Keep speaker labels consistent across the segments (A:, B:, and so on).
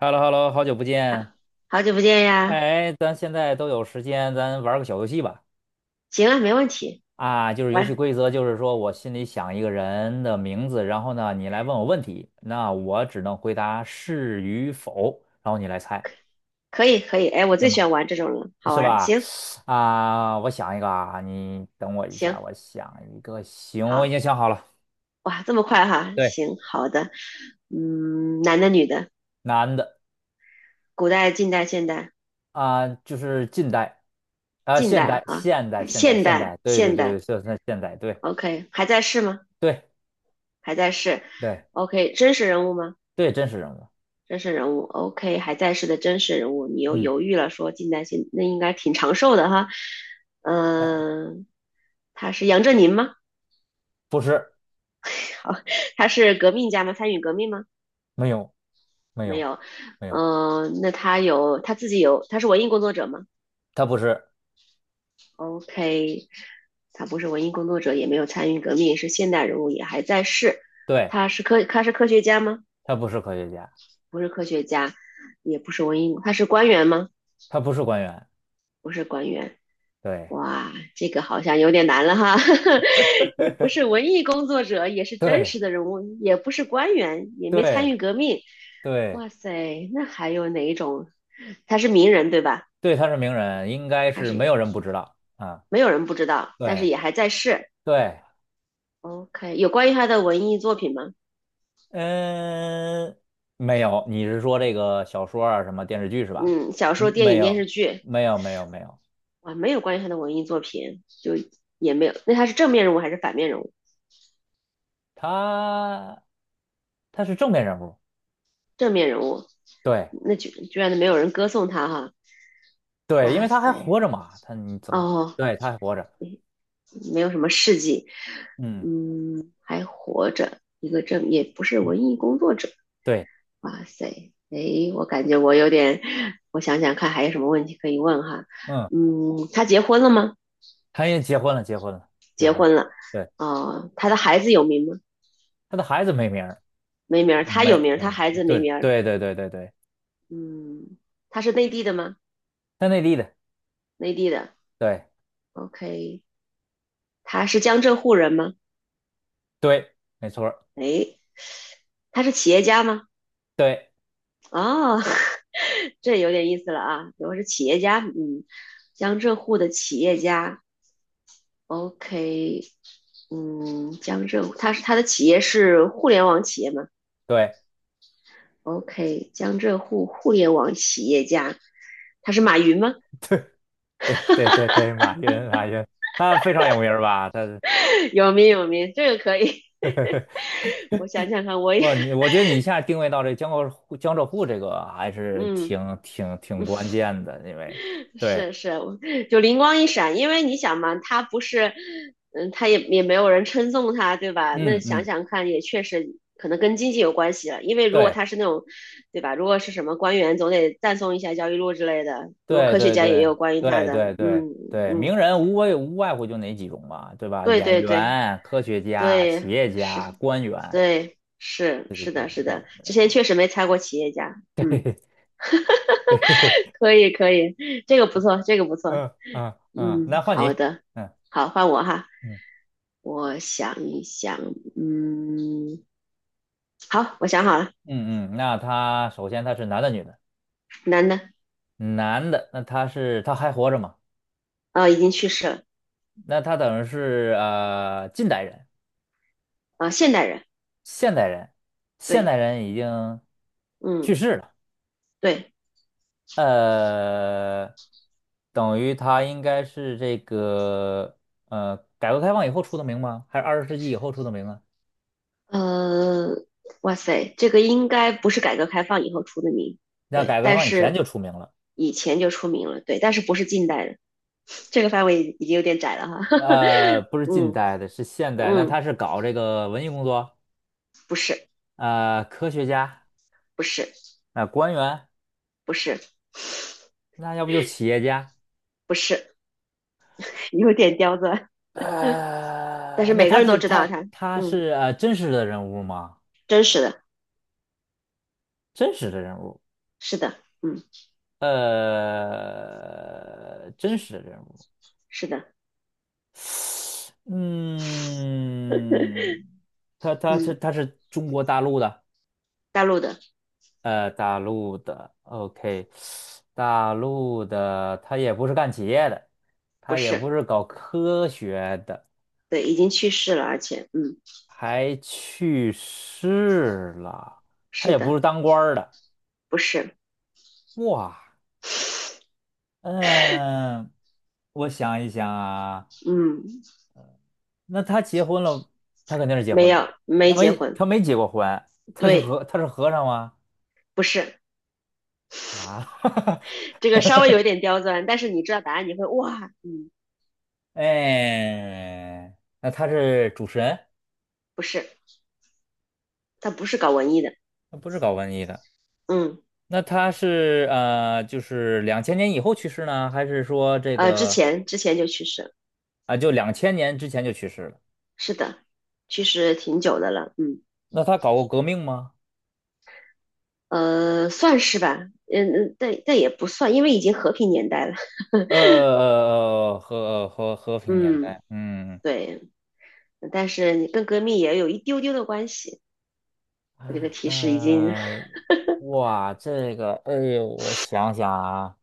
A: h e l l o h e l l o 好久不
B: 啊，
A: 见。
B: 好久不见呀！
A: 哎，咱现在都有时间，咱玩个小游戏吧。
B: 行啊，没问题，
A: 就是游戏
B: 玩
A: 规则，就是说我心里想一个人的名字，然后呢，你来问我问题，那我只能回答是与否，然后你来猜，
B: 可以可以。哎，我
A: 行
B: 最喜
A: 吗？
B: 欢玩这种了，好
A: 是
B: 玩儿。
A: 吧？
B: 行
A: 我想一个啊，你等我一下，
B: 行，
A: 我想一个。行，我已经
B: 好
A: 想好了。
B: 哇，这么快哈？
A: 对，
B: 行，好的。嗯，男的女的，
A: 男的。
B: 古代、近代、现代、
A: 就是近代。
B: 近
A: 现代，
B: 代啊，
A: 现代，现代，
B: 现
A: 现
B: 代
A: 代，对对
B: 现
A: 对对，
B: 代。
A: 就是现代，对
B: OK，还在世吗？
A: 对
B: 还在世。
A: 对
B: OK，真实人物吗？
A: 对，真实人物。
B: 真实人物。OK，还在世的真实人物。你又
A: 嗯。
B: 犹豫了，说近代现，那应该挺长寿的哈。
A: 呃，
B: 嗯、他是杨振宁吗？
A: 不是，
B: 他是革命家吗？参与革命吗？
A: 没有，没
B: 没
A: 有，
B: 有。
A: 没有，
B: 那他有他自己有，他是文艺工作者吗
A: 他不是。
B: ？OK，他不是文艺工作者，也没有参与革命，是现代人物，也还在世。
A: 对，
B: 他是科学家吗？
A: 他不是科学家，
B: 不是科学家，也不是文艺，他是官员吗？
A: 他不是官员。
B: 不是官员。
A: 对，
B: 哇，这个好像有点难了哈，也不是文艺工作者，也是真
A: 对，
B: 实的人物，也不是官员，也没参
A: 对，
B: 与革命。
A: 对，
B: 哇塞，那还有哪一种他是名人对吧？
A: 对，他是名人，应该
B: 他
A: 是没
B: 是
A: 有人不知道啊。
B: 没有人不知道，但是
A: 对，
B: 也还在世。
A: 对，
B: OK，有关于他的文艺作品吗？
A: 嗯，没有，你是说这个小说啊，什么电视剧是吧？
B: 嗯，小说、
A: 嗯
B: 电
A: 没
B: 影、电
A: 有，
B: 视剧，
A: 没有，没有，没有，
B: 哇，没有关于他的文艺作品，也没有。那他是正面人物还是反面人物？
A: 他他是正面人物。
B: 正面人物，
A: 对，
B: 那就居然没有人歌颂他哈！
A: 对，因
B: 哇
A: 为他还
B: 塞，
A: 活着嘛，他你怎么，
B: 哦，
A: 对，他还活着，
B: 没有什么事迹，
A: 嗯，
B: 嗯，还活着，一个正也不是文艺工作者。
A: 对，
B: 哇塞，诶，我感觉我有点，我想想看还有什么问题可以问哈。
A: 嗯。
B: 嗯，他结婚了吗？
A: 他也结婚了，结婚了，结
B: 结
A: 婚了。
B: 婚了。
A: 对，
B: 哦，他的孩子有名吗？
A: 他的孩子没名儿，
B: 没名儿，他有
A: 没
B: 名儿，
A: 没
B: 他
A: 没，
B: 孩子没
A: 对
B: 名儿。
A: 对对对对对，
B: 嗯，他是内地的吗？
A: 他内地的，
B: 内地的。
A: 对
B: OK，他是江浙沪人吗？
A: 对，没错儿
B: 诶，他是企业家吗？
A: 对
B: 哦，这有点意思了啊。我是企业家，嗯，江浙沪的企业家，OK，嗯，江浙沪，他的企业是互联网企业吗
A: 对
B: ？OK，江浙沪互联网企业家，他是马云吗？
A: 对对对对对，马云马云，他非常有名儿吧？他是
B: 有名有名，这个可以。我想想看，我也
A: 哇，你我觉得你一下定位到这江浙沪江浙沪这个还是
B: 嗯。
A: 挺关键的，因为对，
B: 是是，就灵光一闪，因为你想嘛，他不是，嗯，他也没有人称颂他，对吧？那
A: 嗯
B: 想
A: 嗯，
B: 想看，也确实可能跟经济有关系了，因为如果
A: 对。
B: 他是那种，对吧？如果是什么官员，总得赞颂一下焦裕禄之类的。如果
A: 对
B: 科学
A: 对
B: 家也
A: 对
B: 有关于他
A: 对
B: 的，
A: 对对
B: 嗯
A: 对，
B: 嗯，
A: 名人无外乎就哪几种嘛，对吧？
B: 对
A: 演
B: 对对
A: 员、科学家、企
B: 对，
A: 业家、
B: 是，
A: 官员，
B: 对是
A: 就这
B: 是
A: 几
B: 的
A: 种。
B: 是
A: 对，
B: 的，之前确实没猜过企业家，嗯，可以可以，这个不错，这个不错，
A: 嗯嗯嗯，
B: 嗯，
A: 那换
B: 好
A: 你。
B: 的，
A: 嗯
B: 好，换我哈。
A: 嗯
B: 我想一想，嗯，好，我想好了，
A: 嗯嗯，那他首先他是男的女的？
B: 男的，
A: 男的，那他还活着吗？
B: 已经去世了，
A: 那他等于是近代人、
B: 现代人，
A: 现代人，现
B: 对，
A: 代人已经去
B: 嗯，
A: 世了。
B: 对，
A: 呃，等于他应该是这个改革开放以后出的名吗？还是20世纪以后出的名啊？
B: 呃，哇塞，这个应该不是改革开放以后出的名，
A: 那
B: 对，
A: 改革开
B: 但
A: 放以前
B: 是
A: 就出名了。
B: 以前就出名了，对，但是不是近代的，这个范围已经有点窄了哈，
A: 不 是近
B: 嗯
A: 代的，是现代。那他
B: 嗯，
A: 是搞这个文艺工作，
B: 不是，
A: 科学家，
B: 不是，
A: 官员，
B: 不是，
A: 那要不就是企业家。
B: 不是，有点刁钻，但是
A: 那
B: 每个
A: 他
B: 人都
A: 是
B: 知道他，嗯，
A: 真实的人物吗？
B: 真实的，
A: 真实的人物。
B: 是的，嗯，
A: 真实的人物。
B: 是的。
A: 嗯，他他他
B: 嗯，
A: 他是中国大陆的。
B: 大陆的
A: 大陆的，OK，大陆的，他也不是干企业的，
B: 不
A: 他也
B: 是，
A: 不是搞科学的，
B: 对，已经去世了，而且，嗯，
A: 还去世了，他
B: 是
A: 也不
B: 的，
A: 是当官儿的。
B: 不是，
A: 哇，嗯，我想一想啊，
B: 嗯，
A: 那他结婚了，他肯定是结
B: 没
A: 婚了
B: 有，
A: 吧？他
B: 没结
A: 没
B: 婚，
A: 他没结过婚。他是
B: 对，
A: 和他是和尚吗？
B: 不是，
A: 啊，
B: 这个稍微有一点刁钻，但是你知道答案，你会哇，嗯，
A: 哎，那他是主持人，
B: 不是，他不是搞文艺的，
A: 他不是搞文艺的。
B: 嗯，
A: 那他是就是两千年以后去世呢，还是说这
B: 之
A: 个
B: 前之前就去世了，
A: 啊，就两千年之前就去世了？
B: 是的，去世挺久的了，嗯，
A: 那他搞过革命吗？
B: 算是吧，嗯嗯，但也不算，因为已经和平年代了，
A: 和平年
B: 嗯，
A: 代。嗯
B: 对，但是你跟革命也有一丢丢的关系，我这个提示已经，
A: 呃，哇，这个，哎呦，我想想啊，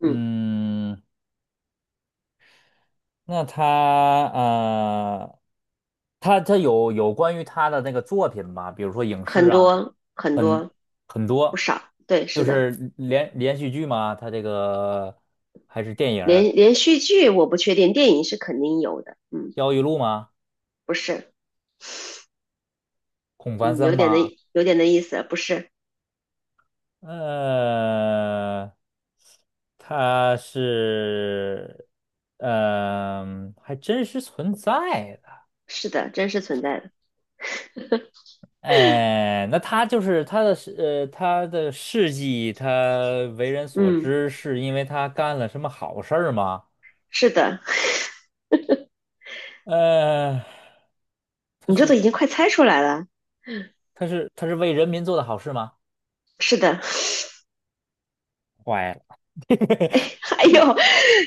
B: 嗯。
A: 嗯。那他呃，他有关于他的那个作品吗？比如说影视
B: 很
A: 啊，
B: 多很
A: 很
B: 多
A: 很
B: 不
A: 多，
B: 少，对，是
A: 就
B: 的，
A: 是连续剧吗？他这个还是电影儿
B: 连续剧我不确定，电影是肯定有的，嗯，
A: 焦裕禄》吗？
B: 不是，
A: 孔繁
B: 嗯，
A: 森吗？
B: 有点的意思，不是，
A: 呃，他是，还真实存在的。
B: 是的，真实存在的，
A: 哎，那他就是他的事迹，他为人所
B: 嗯，
A: 知，是因为他干了什么好事儿吗？
B: 是的，
A: 呃，
B: 你这都已经快猜出来了，
A: 他是为人民做的好事吗？
B: 是的，
A: 坏了，
B: 哎呦，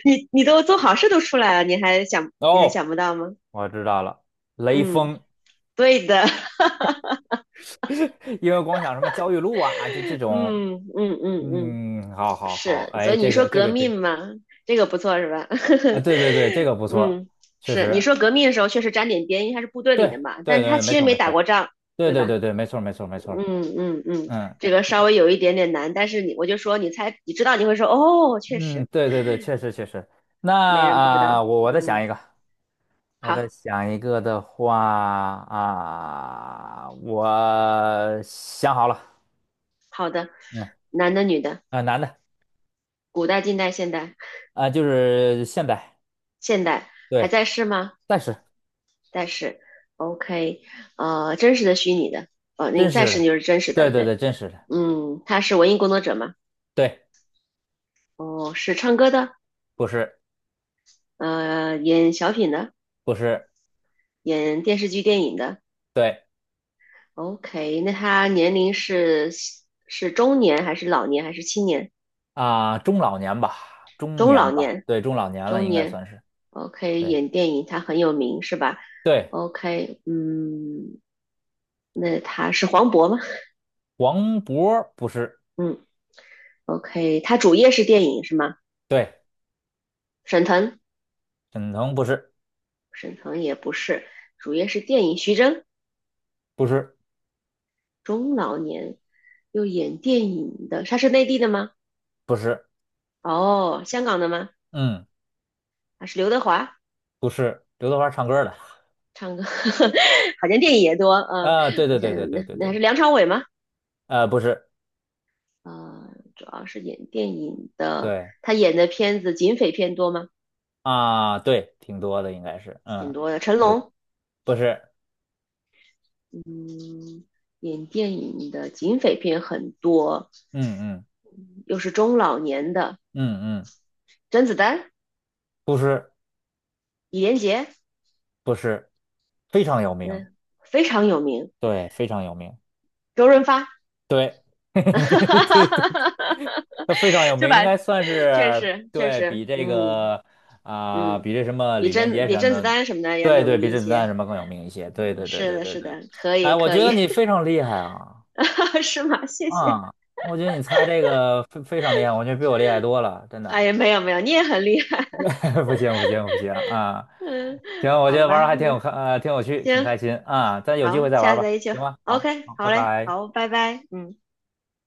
B: 你都做好事都出来了，你还
A: 哦，
B: 想不到吗？
A: 我知道了，雷
B: 嗯，
A: 锋。
B: 对的，
A: 因为光想什么焦裕禄啊，就这 种。
B: 嗯嗯嗯嗯，
A: 嗯，好好好，
B: 是，所
A: 哎，
B: 以你
A: 这
B: 说
A: 个
B: 革命嘛，这个不错是吧？
A: 对对对，这个 不错，
B: 嗯，
A: 确
B: 是你
A: 实，
B: 说革命的时候确实沾点边，因为他是部队里的
A: 对
B: 嘛，但
A: 对
B: 是他
A: 对，
B: 其
A: 没
B: 实
A: 错
B: 没
A: 没
B: 打
A: 错，
B: 过仗，
A: 对
B: 对
A: 对
B: 吧？
A: 对对，没错没错没错。
B: 嗯嗯嗯，
A: 嗯。
B: 这个稍微有一点点难，但是我就说你猜，你知道你会说哦，确
A: 嗯，
B: 实
A: 对对对，确实确实。那
B: 没人不知道。
A: 我再想
B: 嗯，
A: 一个，我再
B: 好
A: 想一个的话啊、我想好了。
B: 好的，
A: 嗯
B: 男的女的，
A: 男的。
B: 古代、近代、现代，
A: 就是现代，
B: 现代还
A: 对，
B: 在世吗？
A: 但是
B: 在世。OK，真实的、虚拟的，那
A: 真
B: 个在
A: 实
B: 世
A: 的，
B: 就是真实
A: 对
B: 的，
A: 对
B: 对。
A: 对，真实的，
B: 嗯，他是文艺工作者嘛？
A: 对，
B: 哦，是唱歌的，
A: 不是
B: 演小品的，
A: 不是，
B: 演电视剧、电影的。
A: 对
B: OK，那他年龄是是中年还是老年还是青年？
A: 啊、中老年吧，中
B: 中
A: 年
B: 老
A: 吧，
B: 年，
A: 对，中老年了
B: 中
A: 应该
B: 年。
A: 算是，
B: OK，
A: 对
B: 演电影他很有名是吧
A: 对，
B: ？OK，嗯，那他是黄渤吗？
A: 黄渤不是，
B: 嗯，OK，他主业是电影是吗？
A: 对，
B: 沈腾，
A: 沈腾不是，
B: 沈腾也不是，主业是电影。徐峥，
A: 不是
B: 中老年又演电影的，他是内地的吗？
A: 不是，
B: 哦，香港的吗？
A: 嗯。
B: 他是刘德华。
A: 不是刘德华唱歌的，
B: 唱歌 好像电影也多，啊，
A: 啊，对
B: 我
A: 对
B: 想
A: 对
B: 想，
A: 对对
B: 那
A: 对
B: 那还
A: 对。
B: 是梁朝伟吗？
A: 不是，
B: 呃，主要是演电影的，
A: 对
B: 他演的片子警匪片多吗？
A: 啊，对，挺多的应该是，
B: 挺
A: 嗯，
B: 多的。成
A: 对，
B: 龙，
A: 不是，
B: 嗯，演电影的警匪片很多，
A: 嗯嗯
B: 嗯又是中老年的，
A: 嗯嗯，
B: 甄子丹、
A: 不是
B: 李连杰，
A: 不是，非常有名，
B: 嗯，非常有名。
A: 对，非常有名，
B: 周润发，
A: 对，对对，他非常有
B: 对
A: 名，应
B: 吧？
A: 该算
B: 确
A: 是
B: 实，确
A: 对比
B: 实，
A: 这
B: 嗯
A: 个啊、
B: 嗯，
A: 比这什么李连杰
B: 比
A: 什么
B: 甄子
A: 的，
B: 丹什么的要
A: 对
B: 有
A: 对，
B: 名
A: 比
B: 一
A: 甄子丹
B: 些。
A: 什么更有名一些，对
B: 嗯
A: 对对
B: 是
A: 对
B: 的，
A: 对
B: 是
A: 对。
B: 的，可
A: 哎，
B: 以，
A: 我
B: 可
A: 觉得
B: 以，
A: 你非常厉害啊。
B: 是吗？谢谢。
A: 啊，我觉得你猜这个非常厉害，我觉得比我厉害多了，真
B: 哎
A: 的。
B: 呀，没有没有，你也很厉害。
A: 不行不行不行啊！
B: 嗯，
A: 行，我觉
B: 好
A: 得玩
B: 吧，
A: 儿还挺有看，挺有趣，挺
B: 行，
A: 开心啊。咱有机
B: 好，
A: 会再玩儿
B: 下次
A: 吧，
B: 再一起。
A: 行吗？好，
B: OK，
A: 好，拜
B: 好嘞，
A: 拜。
B: 好，拜拜。嗯。